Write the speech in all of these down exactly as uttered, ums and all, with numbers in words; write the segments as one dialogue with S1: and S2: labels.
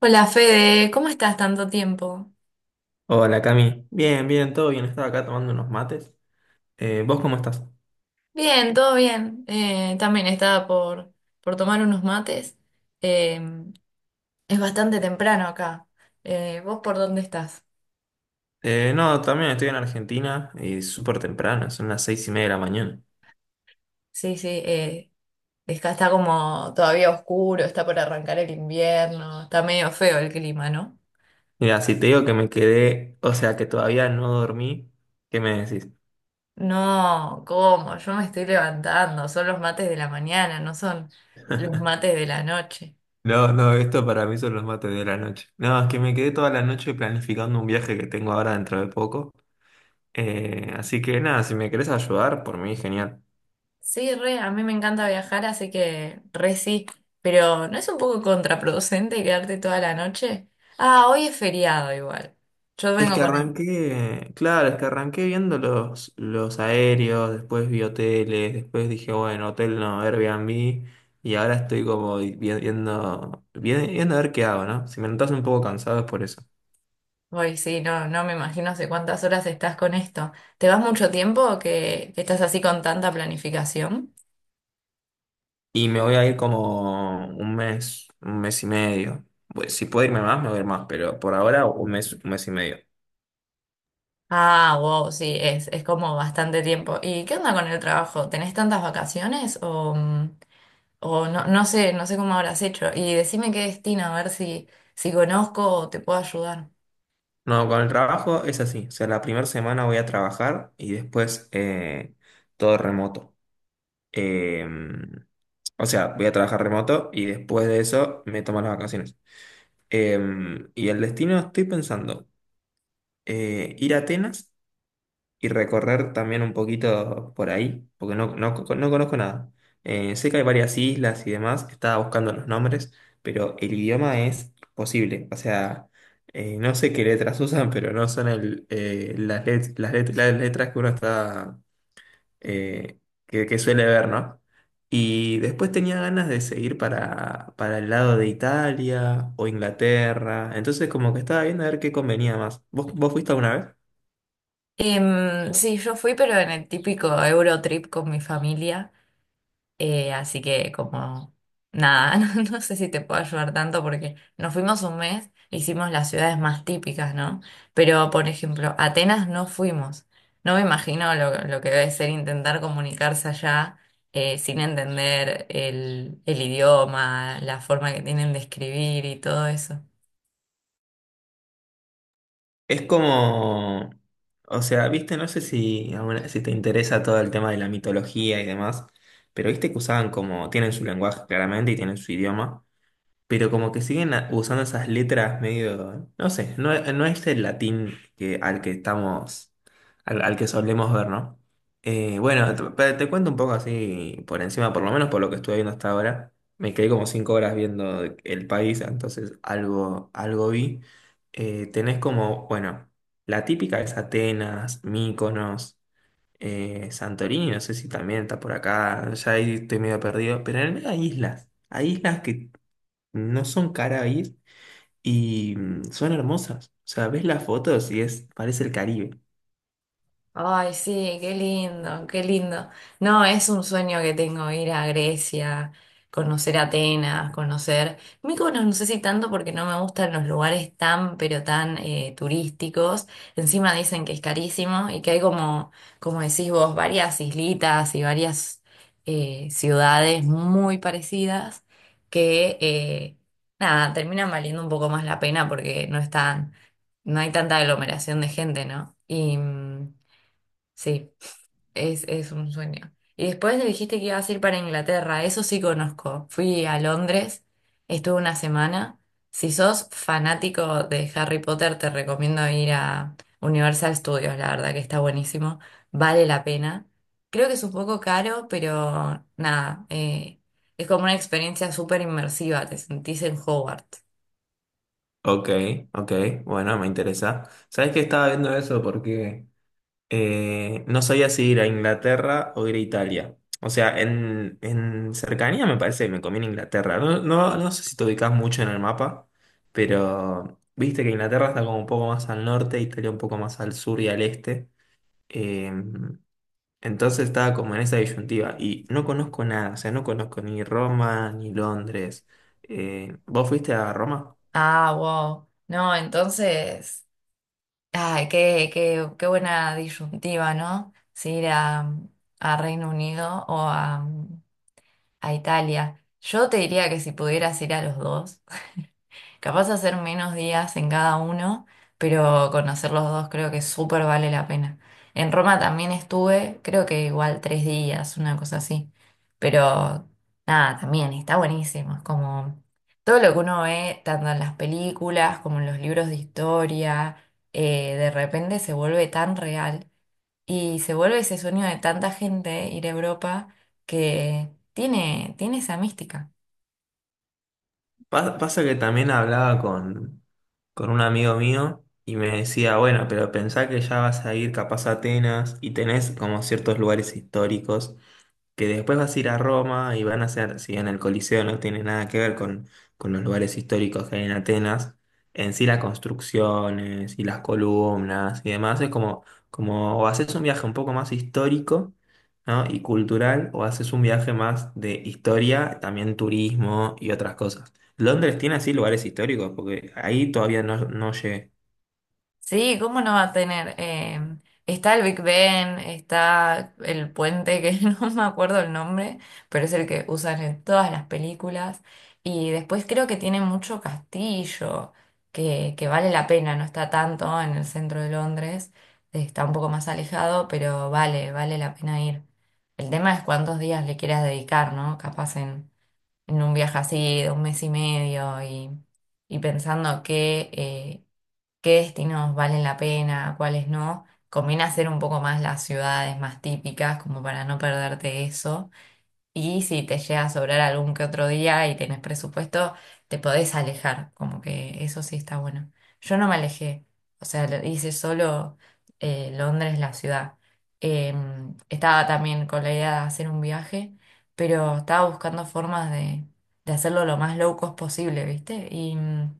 S1: Hola Fede, ¿cómo estás tanto tiempo?
S2: Hola Cami, bien, bien, todo bien, estaba acá tomando unos mates. Eh, ¿vos cómo estás?
S1: Bien, todo bien. Eh, también estaba por, por tomar unos mates. Eh, es bastante temprano acá. Eh, ¿vos por dónde estás?
S2: Eh, no, también estoy en Argentina y súper temprano, son las seis y media de la mañana.
S1: Sí, sí, eh, acá está como todavía oscuro, está por arrancar el invierno, está medio feo el clima, ¿no?
S2: Mira, si te digo que me quedé, o sea que todavía no dormí, ¿qué me decís?
S1: No, ¿cómo? Yo me estoy levantando, son los mates de la mañana, no son los mates de la noche.
S2: No, no, esto para mí son los mates de la noche. No, es que me quedé toda la noche planificando un viaje que tengo ahora dentro de poco. Eh, así que nada, si me querés ayudar, por mí, genial.
S1: Sí, re, a mí me encanta viajar, así que re sí, pero ¿no es un poco contraproducente quedarte toda la noche? Ah, hoy es feriado igual. Yo
S2: Es
S1: vengo
S2: que
S1: con el...
S2: arranqué, claro, es que arranqué viendo los, los aéreos, después vi hoteles, después dije, bueno, hotel no, Airbnb, y ahora estoy como vi- viendo, vi- viendo a ver qué hago, ¿no? Si me notas un poco cansado es por eso.
S1: Hoy sí, no, no me imagino hace cuántas horas estás con esto. ¿Te vas mucho tiempo que, que estás así con tanta planificación?
S2: Y me voy a ir como un mes, un mes y medio. Pues, si puedo irme más, me voy a ir más, pero por ahora un mes, un mes y medio.
S1: Ah, wow, sí, es, es como bastante tiempo. ¿Y qué onda con el trabajo? ¿Tenés tantas vacaciones o, mm, o no, no sé, no sé cómo habrás hecho? Y decime qué destino, a ver si, si conozco o te puedo ayudar.
S2: No, con el trabajo es así, o sea, la primera semana voy a trabajar y después eh, todo remoto. Eh, o sea, voy a trabajar remoto y después de eso me tomo las vacaciones. Eh, y el destino estoy pensando eh, ir a Atenas y recorrer también un poquito por ahí, porque no, no, no conozco nada. Eh, sé que hay varias islas y demás, estaba buscando los nombres, pero el idioma es posible. O sea, eh, no sé qué letras usan, pero no son el, eh, las, let- las let- las letras que uno está, eh, que, que suele ver, ¿no? Y después tenía ganas de seguir para, para el lado de Italia o Inglaterra. Entonces como que estaba viendo a ver qué convenía más. ¿Vos, vos fuiste alguna vez?
S1: Em, sí, yo fui, pero en el típico Eurotrip con mi familia, eh, así que como nada, no, no sé si te puedo ayudar tanto porque nos fuimos un mes, hicimos las ciudades más típicas, ¿no? Pero, por ejemplo, Atenas no fuimos. No me imagino lo, lo que debe ser intentar comunicarse allá eh, sin entender el, el idioma, la forma que tienen de escribir y todo eso.
S2: Es como, o sea, viste, no sé si, alguna- si te interesa todo el tema de la mitología y demás, pero viste que usaban como, tienen su lenguaje claramente y tienen su idioma. Pero como que siguen a- usando esas letras medio, no sé, no, no es el latín que, al que estamos, al, al que solemos ver, ¿no? Eh, bueno, te, pa- te cuento un poco así por encima, por lo menos por lo que estuve viendo hasta ahora. Me quedé como cinco horas viendo el país, entonces algo, algo vi. Eh, tenés como, bueno, la típica es Atenas, Mykonos, eh, Santorini, no sé si también está por acá, ya ahí estoy medio perdido, pero en el medio hay islas, hay islas que no son caras a ir y mm, son hermosas. O sea, ves las fotos y es, parece el Caribe.
S1: Ay, sí, qué lindo, qué lindo. No, es un sueño que tengo ir a Grecia, conocer Atenas, conocer Mykonos, no sé si tanto porque no me gustan los lugares tan, pero tan eh, turísticos. Encima dicen que es carísimo y que hay como, como decís vos, varias islitas y varias eh, ciudades muy parecidas que, eh, nada, terminan valiendo un poco más la pena porque no están, no hay tanta aglomeración de gente, ¿no? Y. mm, Sí, es, es un sueño. Y después le dijiste que ibas a ir para Inglaterra, eso sí conozco. Fui a Londres, estuve una semana. Si sos fanático de Harry Potter, te recomiendo ir a Universal Studios, la verdad que está buenísimo, vale la pena. Creo que es un poco caro, pero nada, eh, es como una experiencia súper inmersiva, te sentís en Hogwarts.
S2: Ok, ok, bueno, me interesa. ¿Sabes que estaba viendo eso? Porque eh, no sabía si ir a Inglaterra o ir a Italia. O sea, en, en cercanía me parece que me conviene Inglaterra. No, no, no sé si te ubicas mucho en el mapa, pero viste que Inglaterra está como un poco más al norte, Italia un poco más al sur y al este. Em, Entonces estaba como en esa disyuntiva y no conozco nada, o sea, no conozco ni Roma ni Londres. Eh, ¿vos fuiste a Roma?
S1: Ah, wow. No, entonces... Ay, qué, qué, qué buena disyuntiva, ¿no? Si ir a, a Reino Unido o a, a Italia. Yo te diría que si pudieras ir a los dos. Capaz hacer menos días en cada uno, pero conocer los dos creo que súper vale la pena. En Roma también estuve, creo que igual tres días, una cosa así. Pero nada, también está buenísimo. Es como todo lo que uno ve, tanto en las películas como en los libros de historia, eh, de repente se vuelve tan real y se vuelve ese sueño de tanta gente ir a Europa que tiene, tiene esa mística.
S2: Pa- pasa que también hablaba con, con un amigo mío y me decía, bueno, pero pensá que ya vas a ir capaz a Atenas y tenés como ciertos lugares históricos que después vas a ir a Roma y van a ser si bien el Coliseo no tiene nada que ver con, con los lugares históricos que hay en Atenas, en sí las construcciones y las columnas y demás, es como, como o haces un viaje un poco más histórico, ¿no?, y cultural, o haces un viaje más de historia, también turismo y otras cosas. Londres tiene así lugares históricos, porque ahí todavía no, no llegué.
S1: Sí, ¿cómo no va a tener? Eh, está el Big Ben, está el puente que no me acuerdo el nombre, pero es el que usan en todas las películas. Y después creo que tiene mucho castillo, que, que vale la pena, no está tanto en el centro de Londres, está un poco más alejado, pero vale, vale la pena ir. El tema es cuántos días le quieras dedicar, ¿no? Capaz en, en un viaje así de un mes y medio y, y pensando que... eh, qué destinos valen la pena, cuáles no. Conviene hacer un poco más las ciudades más típicas, como para no perderte eso. Y si te llega a sobrar algún que otro día y tenés presupuesto, te podés alejar, como que eso sí está bueno. Yo no me alejé, o sea, lo- hice solo eh, Londres, la ciudad. Em, estaba también con la idea de hacer un viaje, pero estaba buscando formas de, de hacerlo lo más low cost posible, ¿viste? Y mm,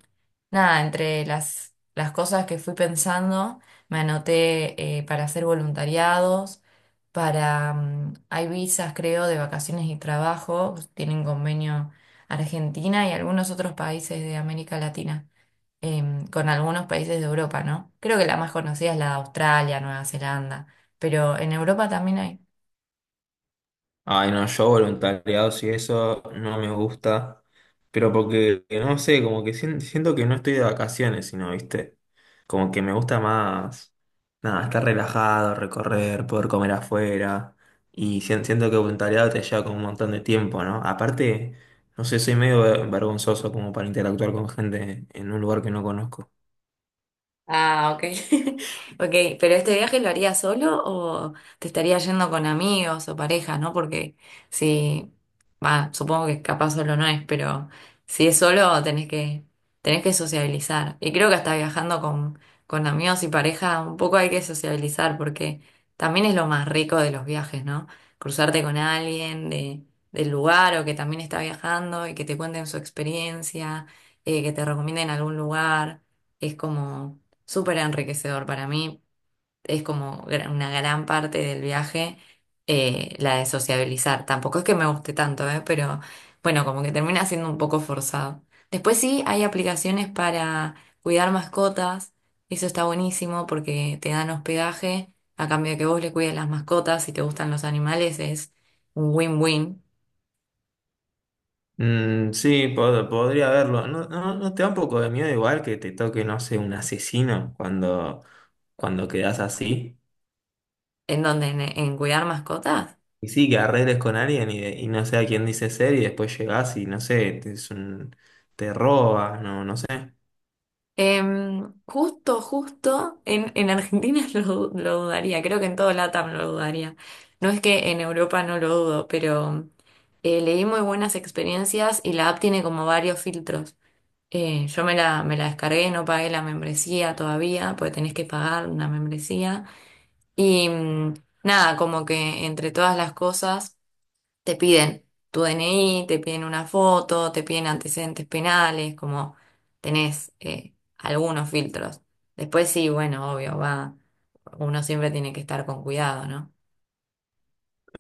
S1: nada, entre las, las cosas que fui pensando, me anoté eh, para hacer voluntariados para, mm, hay visas, creo, de vacaciones y trabajo, tienen convenio Argentina y algunos otros países de América Latina, em, con algunos países de Europa, ¿no? Creo que la más conocida es la de Australia, Nueva Zelanda, pero en Europa también hay.
S2: Ay, no, yo voluntariados y eso no me gusta, pero porque, eh, no sé, como que sien- siento que no estoy de vacaciones, sino, viste, como que me gusta más, nada, estar relajado, recorrer, poder comer afuera, y sien- siento que voluntariado te lleva como un montón de tiempo, ¿no? Aparte, no sé, soy medio vergonzoso como para interactuar con gente en un lugar que no conozco.
S1: Ah, ok. Ok, pero este viaje lo harías solo o te estarías yendo con amigos o pareja, ¿no? Porque si, va, supongo que capaz solo no es, pero si es solo tenés que, tenés que sociabilizar. Y creo que hasta viajando con, con amigos y pareja un poco hay que sociabilizar porque también es lo más rico de los viajes, ¿no? Cruzarte con alguien de, del lugar o que también está viajando y que te cuenten su experiencia, eh, que te recomienden algún lugar. Es como súper enriquecedor para mí. Es como gra- una gran parte del viaje eh, la de sociabilizar. Tampoco es que me guste tanto, ¿eh? Pero bueno, como que termina siendo un poco forzado. Después sí, hay aplicaciones para cuidar mascotas. Eso está buenísimo porque te dan hospedaje a cambio de que vos le cuides las mascotas. Si te gustan los animales, es un win-win.
S2: Mm, sí, pod- podría verlo. ¿No, no, no te da un poco de miedo igual que te toque, no sé, un asesino cuando, cuando quedás así?
S1: ¿En donde en en cuidar mascotas?
S2: Y sí, que arregles con alguien y, y no sé a quién dice ser y después llegás y no sé, te, es un, te robas, no, no sé.
S1: Em, justo, justo, en, en Argentina lo, lo dudaría, creo que en todo LATAM lo dudaría. No es que en Europa no lo dudo, pero eh, leí muy buenas experiencias y la app tiene como varios filtros. Eh, yo me la, me la descargué, no pagué la membresía todavía, porque tenés que pagar una membresía. Y mm, nada, como que entre todas las cosas te piden tu D N I, te piden una foto, te piden antecedentes penales, como tenés eh, algunos filtros. Después sí, bueno, obvio, va, uno siempre tiene que estar con cuidado, ¿no?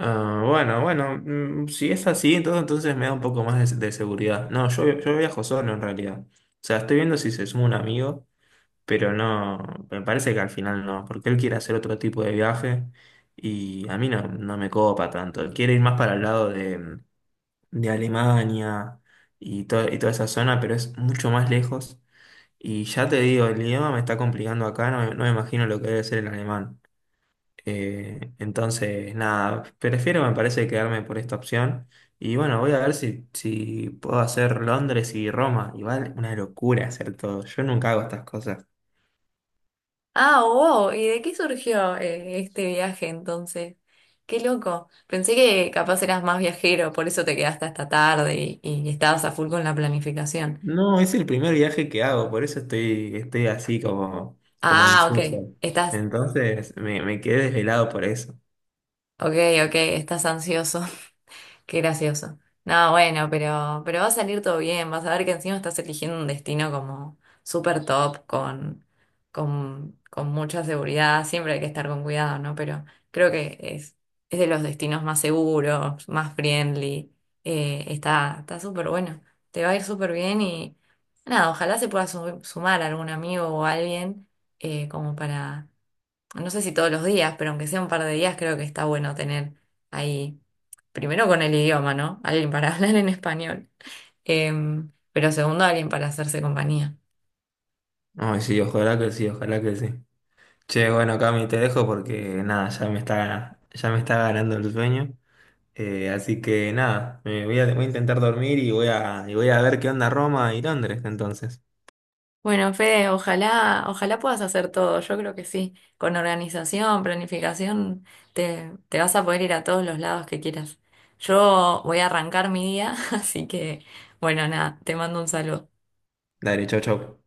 S2: Ah, bueno, bueno, mm, si es así, entonces, entonces me da un poco más de, de seguridad. No, yo, yo viajo solo en realidad. O sea, estoy viendo si se suma un amigo. Pero no, me parece que al final no, porque él quiere hacer otro tipo de viaje y a mí no, no me copa tanto. Él quiere ir más para el lado de, de Alemania y, to- y toda esa zona, pero es mucho más lejos. Y ya te digo, el idioma me está complicando acá, no, me no me imagino lo que debe ser el alemán. Eh, entonces, nada, prefiero, me parece, quedarme por esta opción. Y bueno, voy a ver si, si puedo hacer Londres y Roma. Igual, una locura hacer todo. Yo nunca hago estas cosas.
S1: Ah, wow, ¿y de qué surgió eh, este viaje entonces? Qué loco. Pensé que capaz eras más viajero, por eso te quedaste hasta tarde y, y estabas a full con la planificación.
S2: No, es el primer viaje que hago, por eso estoy, estoy así como, como
S1: Ah, ok,
S2: ansioso.
S1: estás,
S2: Entonces me, me quedé desvelado por eso.
S1: ok, ok, estás ansioso. Qué gracioso. No, bueno, pero, pero va a salir todo bien. Vas a ver que encima estás eligiendo un destino como súper top, con, con, con mucha seguridad. Siempre hay que estar con cuidado, ¿no? Pero creo que es, es de los destinos más seguros, más friendly. Eh, está, está súper bueno. Te va a ir súper bien y nada, ojalá se pueda su- sumar algún amigo o alguien eh, como para no sé si todos los días, pero aunque sea un par de días, creo que está bueno tener ahí, primero con el idioma, ¿no? Alguien para hablar en español, em, pero segundo, alguien para hacerse compañía.
S2: Ay, sí, ojalá que sí, ojalá que sí. Che, bueno, Cami, te dejo porque nada, ya me está, ya me está ganando el sueño. Eh, así que nada, me voy a, voy a intentar dormir y voy a, y voy a ver qué onda Roma y Londres entonces.
S1: Bueno, Fede, ojalá, ojalá puedas hacer todo, yo creo que sí. Con organización, planificación, te, te vas a poder ir a todos los lados que quieras. Yo voy a arrancar mi día, así que, bueno, nada, te mando un saludo.
S2: Dale, chau, chau.